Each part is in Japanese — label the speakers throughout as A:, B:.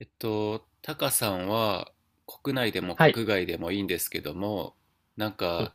A: タカさんは国内でも
B: はい。
A: 国外でもいいんですけども、なん
B: うん。
A: か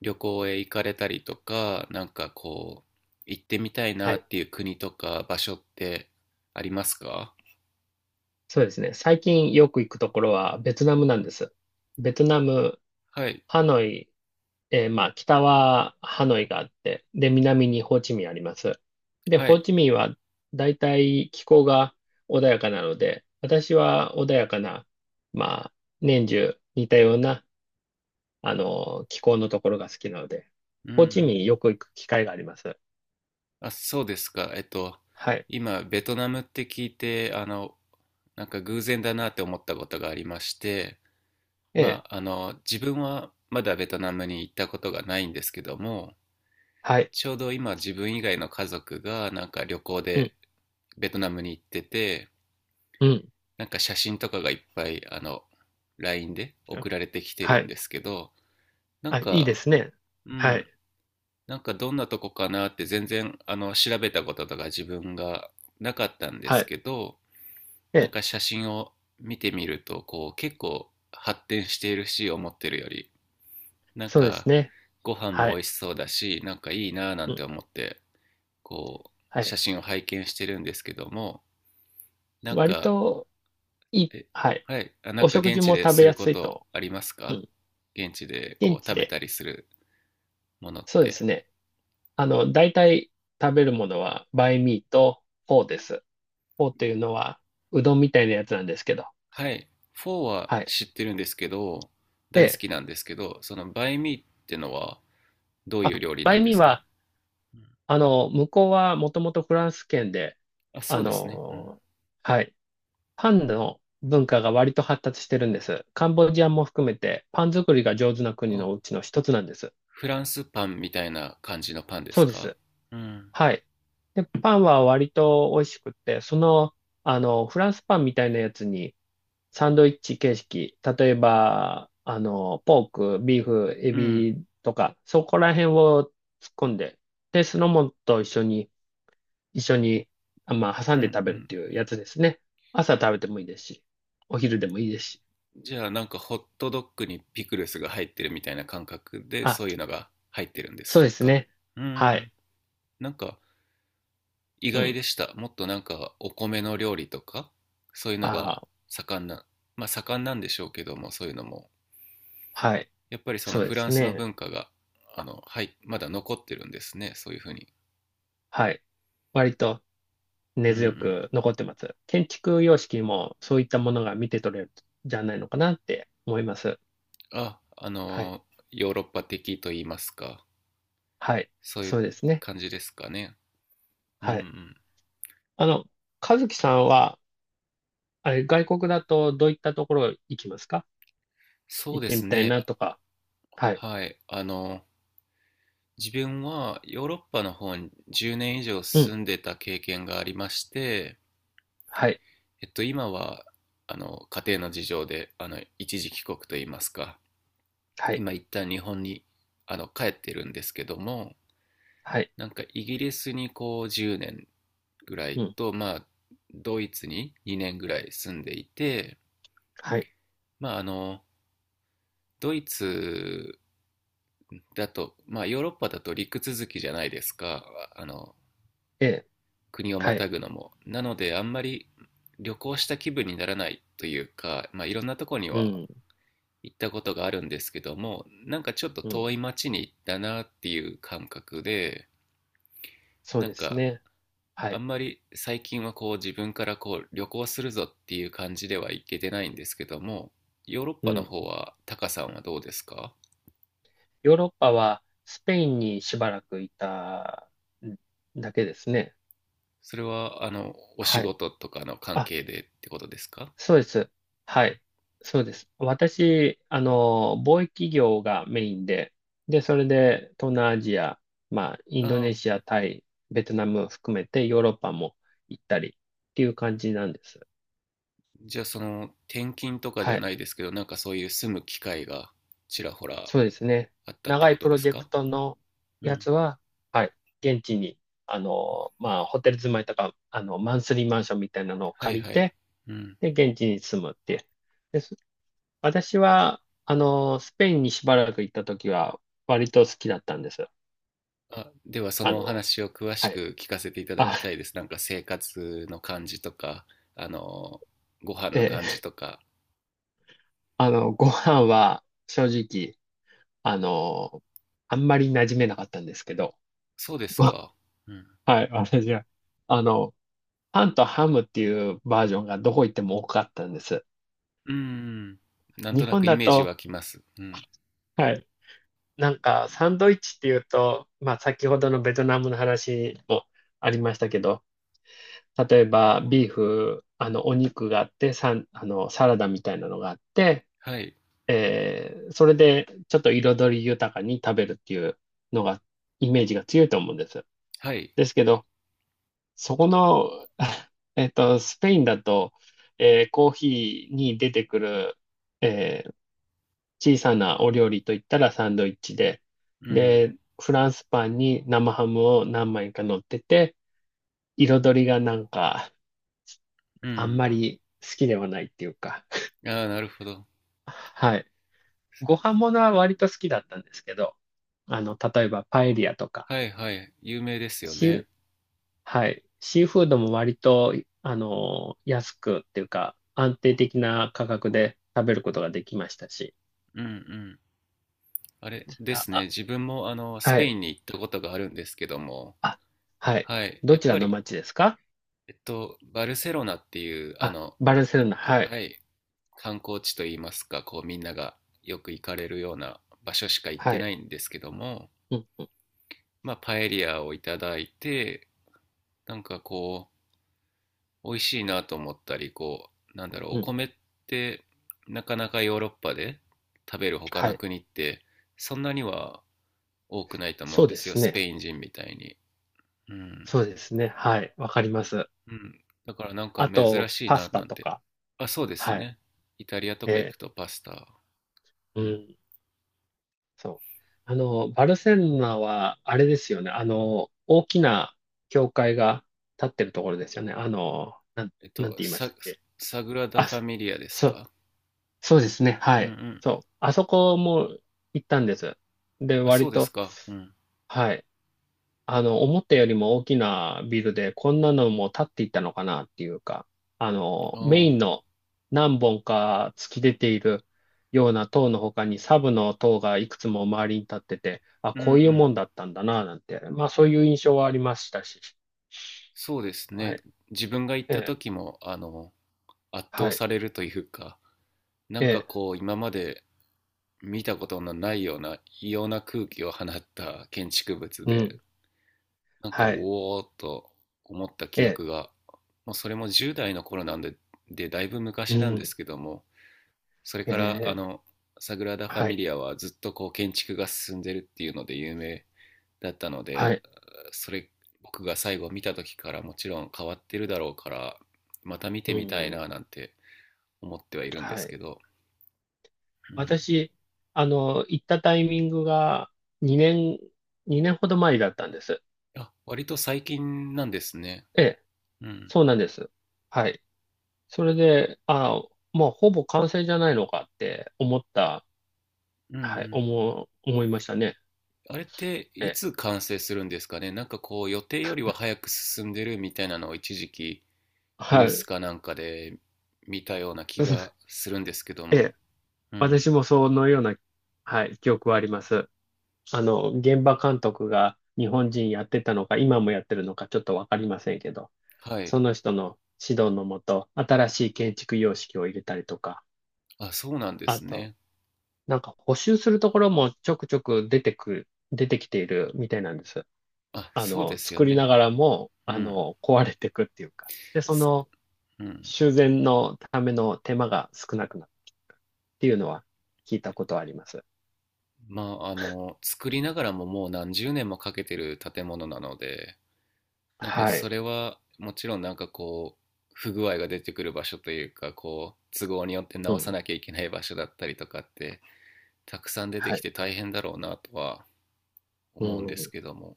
A: 旅行へ行かれたりとか、なんかこう、行ってみたい
B: は
A: な
B: い。
A: っていう国とか場所ってありますか？
B: そうですね。最近よく行くところはベトナムなんです。ベトナム、
A: はい、
B: ハノイ、まあ、北はハノイがあって、で、南にホーチミンあります。で、
A: は
B: ホー
A: い。
B: チミンはだいたい気候が穏やかなので、私は穏やかな、まあ、年中似たような、気候のところが好きなので、
A: うんう
B: ホーチ
A: ん。
B: ミンよく行く機会があります。
A: あ、そうですか。
B: はい。
A: 今、ベトナムって聞いて、なんか偶然だなって思ったことがありまして、
B: ええ、
A: まあ、あの、自分はまだベトナムに行ったことがないんですけども、
B: はい。
A: ちょうど今自分以外の家族がなんか旅行
B: うん、
A: でベトナムに行ってて、
B: うん。
A: なんか写真とかがいっぱいLINE で送られてきて
B: は
A: るん
B: い。
A: ですけど、なん
B: あ、いいで
A: か、
B: すね。
A: う
B: は
A: ん、
B: い。
A: なんかどんなとこかなって全然調べたこととか自分がなかったんで
B: は
A: す
B: い。
A: けど、なん
B: え、
A: か写真を見てみるとこう結構発展しているし、思ってるよりなん
B: そうです
A: か
B: ね。
A: ご飯
B: は
A: も美
B: い。
A: 味しそうだし、なんかいいなぁなん
B: うん。
A: て思ってこ
B: は
A: う写
B: い。
A: 真を拝見してるんですけども、なん
B: 割
A: か
B: といい。
A: え
B: はい。
A: はい、なん
B: お
A: か
B: 食
A: 現
B: 事
A: 地
B: も
A: で
B: 食
A: す
B: べ
A: る
B: や
A: こ
B: すい
A: と
B: と。
A: あります
B: う
A: か？
B: ん。
A: 現地でこ
B: 現
A: う
B: 地
A: 食べ
B: で。
A: たりするものっ
B: そうです
A: て、
B: ね。大体食べるものは、バイミーとフォーです。フォーというのは、うどんみたいなやつなんですけど。
A: はい、フォーは
B: はい。
A: 知ってるんですけど、大好
B: で、
A: きなんですけど、そのバインミーってのはどういう
B: あ、
A: 料理
B: バ
A: なん
B: イ
A: で
B: ミー
A: すか？
B: は、
A: うん、
B: 向こうはもともとフランス圏で、
A: あ、
B: あ
A: そうですね、うん。
B: の、はい。パンの文化が割と発達してるんです。カンボジアも含めてパン作りが上手な国
A: あ、
B: のうちの一つなんです。
A: フランスパンみたいな感じのパンです
B: そうで
A: か？
B: す。
A: うん
B: はい。で、パンは割と美味しくって、フランスパンみたいなやつにサンドイッチ形式、例えば、ポーク、ビーフ、エ
A: うん。
B: ビとか、そこら辺を突っ込んで、で、酢の物と一緒に、
A: う
B: 挟んで
A: ん
B: 食
A: う
B: べるっ
A: ん。
B: ていうやつですね。朝食べてもいいですし、お昼でもいいですし。
A: じゃあ、なんかホットドッグにピクルスが入ってるみたいな感覚で
B: あ、
A: そういうのが入ってるんで
B: そう
A: す
B: です
A: か？
B: ね。
A: うー
B: は
A: ん。
B: い。
A: なんか意
B: う
A: 外
B: ん。
A: でした。もっとなんかお米の料理とか、そういうの
B: あ
A: が
B: あ、
A: 盛んな、まあ盛んなんでしょうけども、そういうのも。
B: はい。
A: やっぱりその
B: そうで
A: フラン
B: す
A: スの
B: ね。
A: 文化が、あの、はい、まだ残ってるんですね。そういうふうに。
B: はい。割と
A: う
B: 根
A: んう
B: 強
A: ん。
B: く残ってます。建築様式もそういったものが見て取れるんじゃないのかなって思います。
A: あ、あ
B: はい。
A: のヨーロッパ的と言いますか。
B: はい。
A: そうい
B: そ
A: う
B: うですね。
A: 感じですかね。うんう
B: はい。
A: ん。
B: あの、和樹さんは、あれ、外国だとどういったところ行きますか？
A: そう
B: 行っ
A: で
B: てみ
A: す
B: たい
A: ね。
B: なとか。はい。
A: はい。あの、自分はヨーロッパの方に10年以上
B: う
A: 住
B: ん。
A: んでた経験がありまして、
B: はい。
A: 今は家庭の事情で一時帰国といいますか、
B: はい。
A: 今一旦日本に帰ってるんですけども、
B: はい。
A: なんかイギリスにこう10年ぐらい
B: うん。
A: と、まあ、ドイツに2年ぐらい住んでいて、
B: はい。
A: まあ、あのドイツだと、まあ、ヨーロッパだと陸続きじゃないですか。あの、
B: ええ。
A: 国をま
B: は
A: た
B: い。
A: ぐのも。なので、あんまり旅行した気分にならないというか、まあ、いろんなとこに
B: う
A: は
B: ん。
A: 行ったことがあるんですけども、なんかちょっと
B: う
A: 遠
B: ん。
A: い町に行ったなっていう感覚で、
B: そう
A: なん
B: です
A: か、
B: ね。は
A: あ
B: い。
A: んまり最近はこう自分からこう旅行するぞっていう感じでは行けてないんですけども、ヨーロッ
B: う
A: パの
B: ん。
A: 方は、タカさんはどうですか？
B: ヨーロッパはスペインにしばらくいたんだけですね。
A: それは、あの、お
B: は
A: 仕
B: い。
A: 事とかの関
B: あ、
A: 係でってことですか？
B: そうです。はい。そうです。私、貿易業がメインで、で、それで東南アジア、まあ、インドネ
A: ああ、
B: シア、タイ、ベトナム含めてヨーロッパも行ったりっていう感じなんです。
A: じゃあ、その転勤とかじ
B: は
A: ゃ
B: い。
A: ないですけど、なんかそういう住む機会がちらほら
B: そうですね。
A: あったって
B: 長
A: こ
B: い
A: と
B: プ
A: で
B: ロ
A: す
B: ジェク
A: か？
B: トの
A: う
B: や
A: ん。
B: つは、はい、現地に、まあ、ホテル住まいとか、マンスリーマンションみたいなのを
A: はい
B: 借り
A: はい。
B: て、
A: うん。
B: で、現地に住むっていう。です。私は、スペインにしばらく行った時は、割と好きだったんです。
A: あ、ではそ
B: あ
A: のお
B: の、
A: 話を詳し
B: はい。
A: く聞かせていただき
B: あ、
A: たいです。なんか生活の感じとか、あの、ご飯
B: え
A: の感
B: え、
A: じとか。
B: ご飯は、正直、あの、あんまり馴染めなかったんですけど、
A: そうです
B: ご、
A: か。うん。
B: はい、私は、あの、パンとハムっていうバージョンがどこ行っても多かったんです。
A: うん。なん
B: 日
A: とな
B: 本
A: くイ
B: だ
A: メージ
B: と、
A: 湧きます。うん。
B: はい、なんかサンドイッチっていうと、まあ先ほどのベトナムの話もありましたけど、例えばビーフ、お肉があって、サラダみたいなのがあって、
A: はい。
B: それでちょっと彩り豊かに食べるっていうのが、イメージが強いと思うんです。
A: はい。
B: ですけど、そこの、スペインだと、コーヒーに出てくる、えー小さなお料理といったらサンドイッチで、
A: うん。
B: で、フランスパンに生ハムを何枚か乗ってて、彩りがなんか、
A: う
B: あんま
A: ん。
B: り好きではないっていうか、
A: ああ、なるほど。
B: はい。ご飯ものは割と好きだったんですけど、例えばパエリアとか、
A: はいはい。有名ですよね。
B: し、はい。シーフードも割と、安くっていうか、安定的な価格で食べることができましたし、
A: うん。あれで
B: あ、
A: すね、
B: あ
A: 自分もあのス
B: は
A: ペイ
B: い。
A: ンに行ったことがあるんですけども、
B: あ、はい。
A: はい、
B: ど
A: やっ
B: ちら
A: ぱ
B: の
A: り、
B: 町ですか？
A: えっと、バルセロナっていう、あ
B: あ、
A: の、
B: バルセロナ、はい。
A: はい、観光地といいますか、こうみんながよく行かれるような場所しか行っ
B: は
A: て
B: い。
A: ないんですけども、
B: うん、
A: まあ、パエリアをいただいて、なんかこう、美味しいなと思ったり、こう、なんだろう、お
B: うん、
A: 米ってなかなかヨーロッパで食べる他
B: は
A: の
B: い。
A: 国って、そんなには多くないと思う
B: そ
A: ん
B: う
A: で
B: で
A: すよ、
B: す
A: ス
B: ね。
A: ペイン人みたいに。うん。
B: そうですね。はい。わかります。
A: うん。だからなんか
B: あ
A: 珍
B: と、
A: しい
B: パ
A: な、
B: スタ
A: なん
B: と
A: て。
B: か。
A: あ、そうです
B: はい。
A: ね。イタリアとか行く
B: え
A: とパスタ。う
B: う
A: ん。
B: ん、そう。バルセロナは、あれですよね。大きな教会が建ってるところですよね。
A: えっ
B: なん
A: と、
B: て言いまし
A: サ、
B: たっけ。
A: サグラダ・
B: あ、
A: ファミリアです
B: そう
A: か？
B: そうですね。は
A: うんう
B: い。
A: ん。
B: そう。あそこも行ったんです。で、
A: あ、そ
B: 割
A: うです
B: と、
A: か。うん。
B: はい。思ったよりも大きなビルで、こんなのも建っていったのかなっていうか、
A: う
B: メイ
A: ん。
B: ンの何本か突き出ているような塔の他に、サブの塔がいくつも周りに立ってて、あ、
A: うん
B: こ
A: う
B: ういうも
A: ん。
B: んだったんだな、なんて、まあそういう印象はありましたし。
A: そうです
B: は
A: ね。
B: い。
A: 自分が行っ
B: え
A: た
B: え。
A: 時も、あの、圧倒
B: はい。
A: されるというか、な
B: え
A: んか
B: え。
A: こう、今まで見たことのないような異様な空気を放った建築物
B: う
A: で、
B: ん。
A: なんか、
B: はい。
A: おおーっと思った
B: え
A: 記
B: え。
A: 憶が、もうそれも10代の頃なんで、で、だいぶ
B: う
A: 昔なんです
B: ん。
A: けども、それ
B: え
A: から、
B: え。
A: サグラダ・ファ
B: は
A: ミ
B: い。
A: リアはずっとこう建築が進んでるっていうので有名だったの
B: は
A: で、
B: い。
A: それ、僕が最後見た時からもちろん変わってるだろうから、また見
B: う
A: てみたい
B: ん。
A: ななんて思ってはいるんで
B: は
A: す
B: い。
A: けど、うん。
B: 私、行ったタイミングが2年、2年ほど前だったんです。
A: あ、割と最近なんですね。
B: ええ、
A: うん。
B: そうなんです。はい。それで、ああ、まあ、ほぼ完成じゃないのかって思った、
A: うんう
B: はい、
A: ん。
B: 思いましたね。
A: あれって
B: え
A: い
B: え、
A: つ完成するんですかね。なんかこう予定よりは早く進んでるみたいなのを一時期ニュ
B: は
A: ース
B: い。
A: かなんかで見たような気がするんですけど
B: え
A: も。
B: え、
A: うん。
B: 私もそのような、はい、記憶はあります。現場監督が日本人やってたのか、今もやってるのか、ちょっとわかりませんけど、
A: は
B: そ
A: い。
B: の人の指導のもと、新しい建築様式を入れたりとか、
A: あ、そうなんで
B: あ
A: す
B: と、
A: ね。
B: なんか補修するところもちょくちょく出てきているみたいなんです。
A: あ、そうですよ
B: 作り
A: ね。
B: ながらも、
A: うん。
B: 壊れてくっていうか。で、そ
A: す
B: の
A: うん。
B: 修繕のための手間が少なくなってきてるっていうのは聞いたことあります。
A: まあ、あの、作りながらももう何十年もかけてる建物なので、なんか
B: は
A: そ
B: い。
A: れはもちろんなんかこう、不具合が出てくる場所というか、こう、都合によって
B: う
A: 直さ
B: ん。
A: なきゃいけない場所だったりとかって、たくさん出て
B: は
A: き
B: い。
A: て大変だろうなとは
B: う
A: 思うんです
B: ん。
A: けども、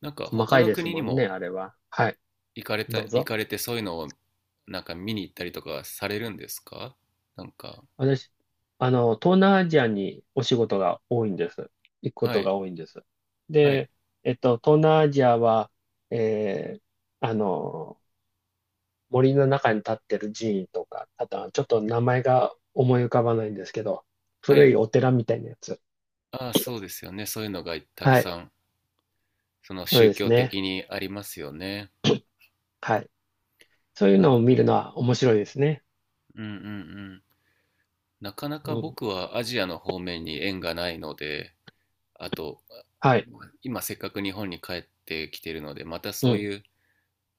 A: なんか
B: 細
A: 他
B: かい
A: の
B: です
A: 国
B: も
A: に
B: んね、
A: も
B: あれは。はい。
A: 行かれた、
B: どう
A: 行
B: ぞ。
A: かれてそういうのをなんか見に行ったりとかされるんですか？なんか、
B: 私、東南アジアにお仕事が多いんです。行くこ
A: は
B: と
A: い
B: が多いんです。
A: はい
B: で、東南アジアは、えーあの、森の中に立ってる寺院とか、あとはちょっと名前が思い浮かばないんですけど、
A: は
B: 古い
A: い。
B: お寺みたいなやつ。
A: ああー、そうですよね。そういうのがたく
B: はい。
A: さんその
B: そう
A: 宗
B: です
A: 教
B: ね。
A: 的にありますよね。
B: はい。そういう
A: な
B: の
A: る
B: を
A: ほど。
B: 見るのは面白いですね。
A: うんうんうん。なかなか
B: うん。
A: 僕はアジアの方面に縁がないので、あと、
B: はい。
A: 今せっかく日本に帰ってきてるのでまた
B: う
A: そう
B: ん。
A: いう、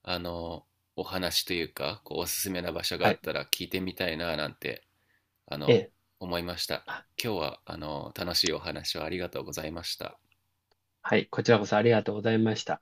A: あの、お話というか、こうおすすめな場所が
B: は
A: あ
B: い。
A: ったら聞いてみたいななんて、あ
B: え
A: の、
B: え。
A: 思いました。
B: あ
A: 今日は、あの、楽しいお話をありがとうございました。
B: はい。こちらこそありがとうございました。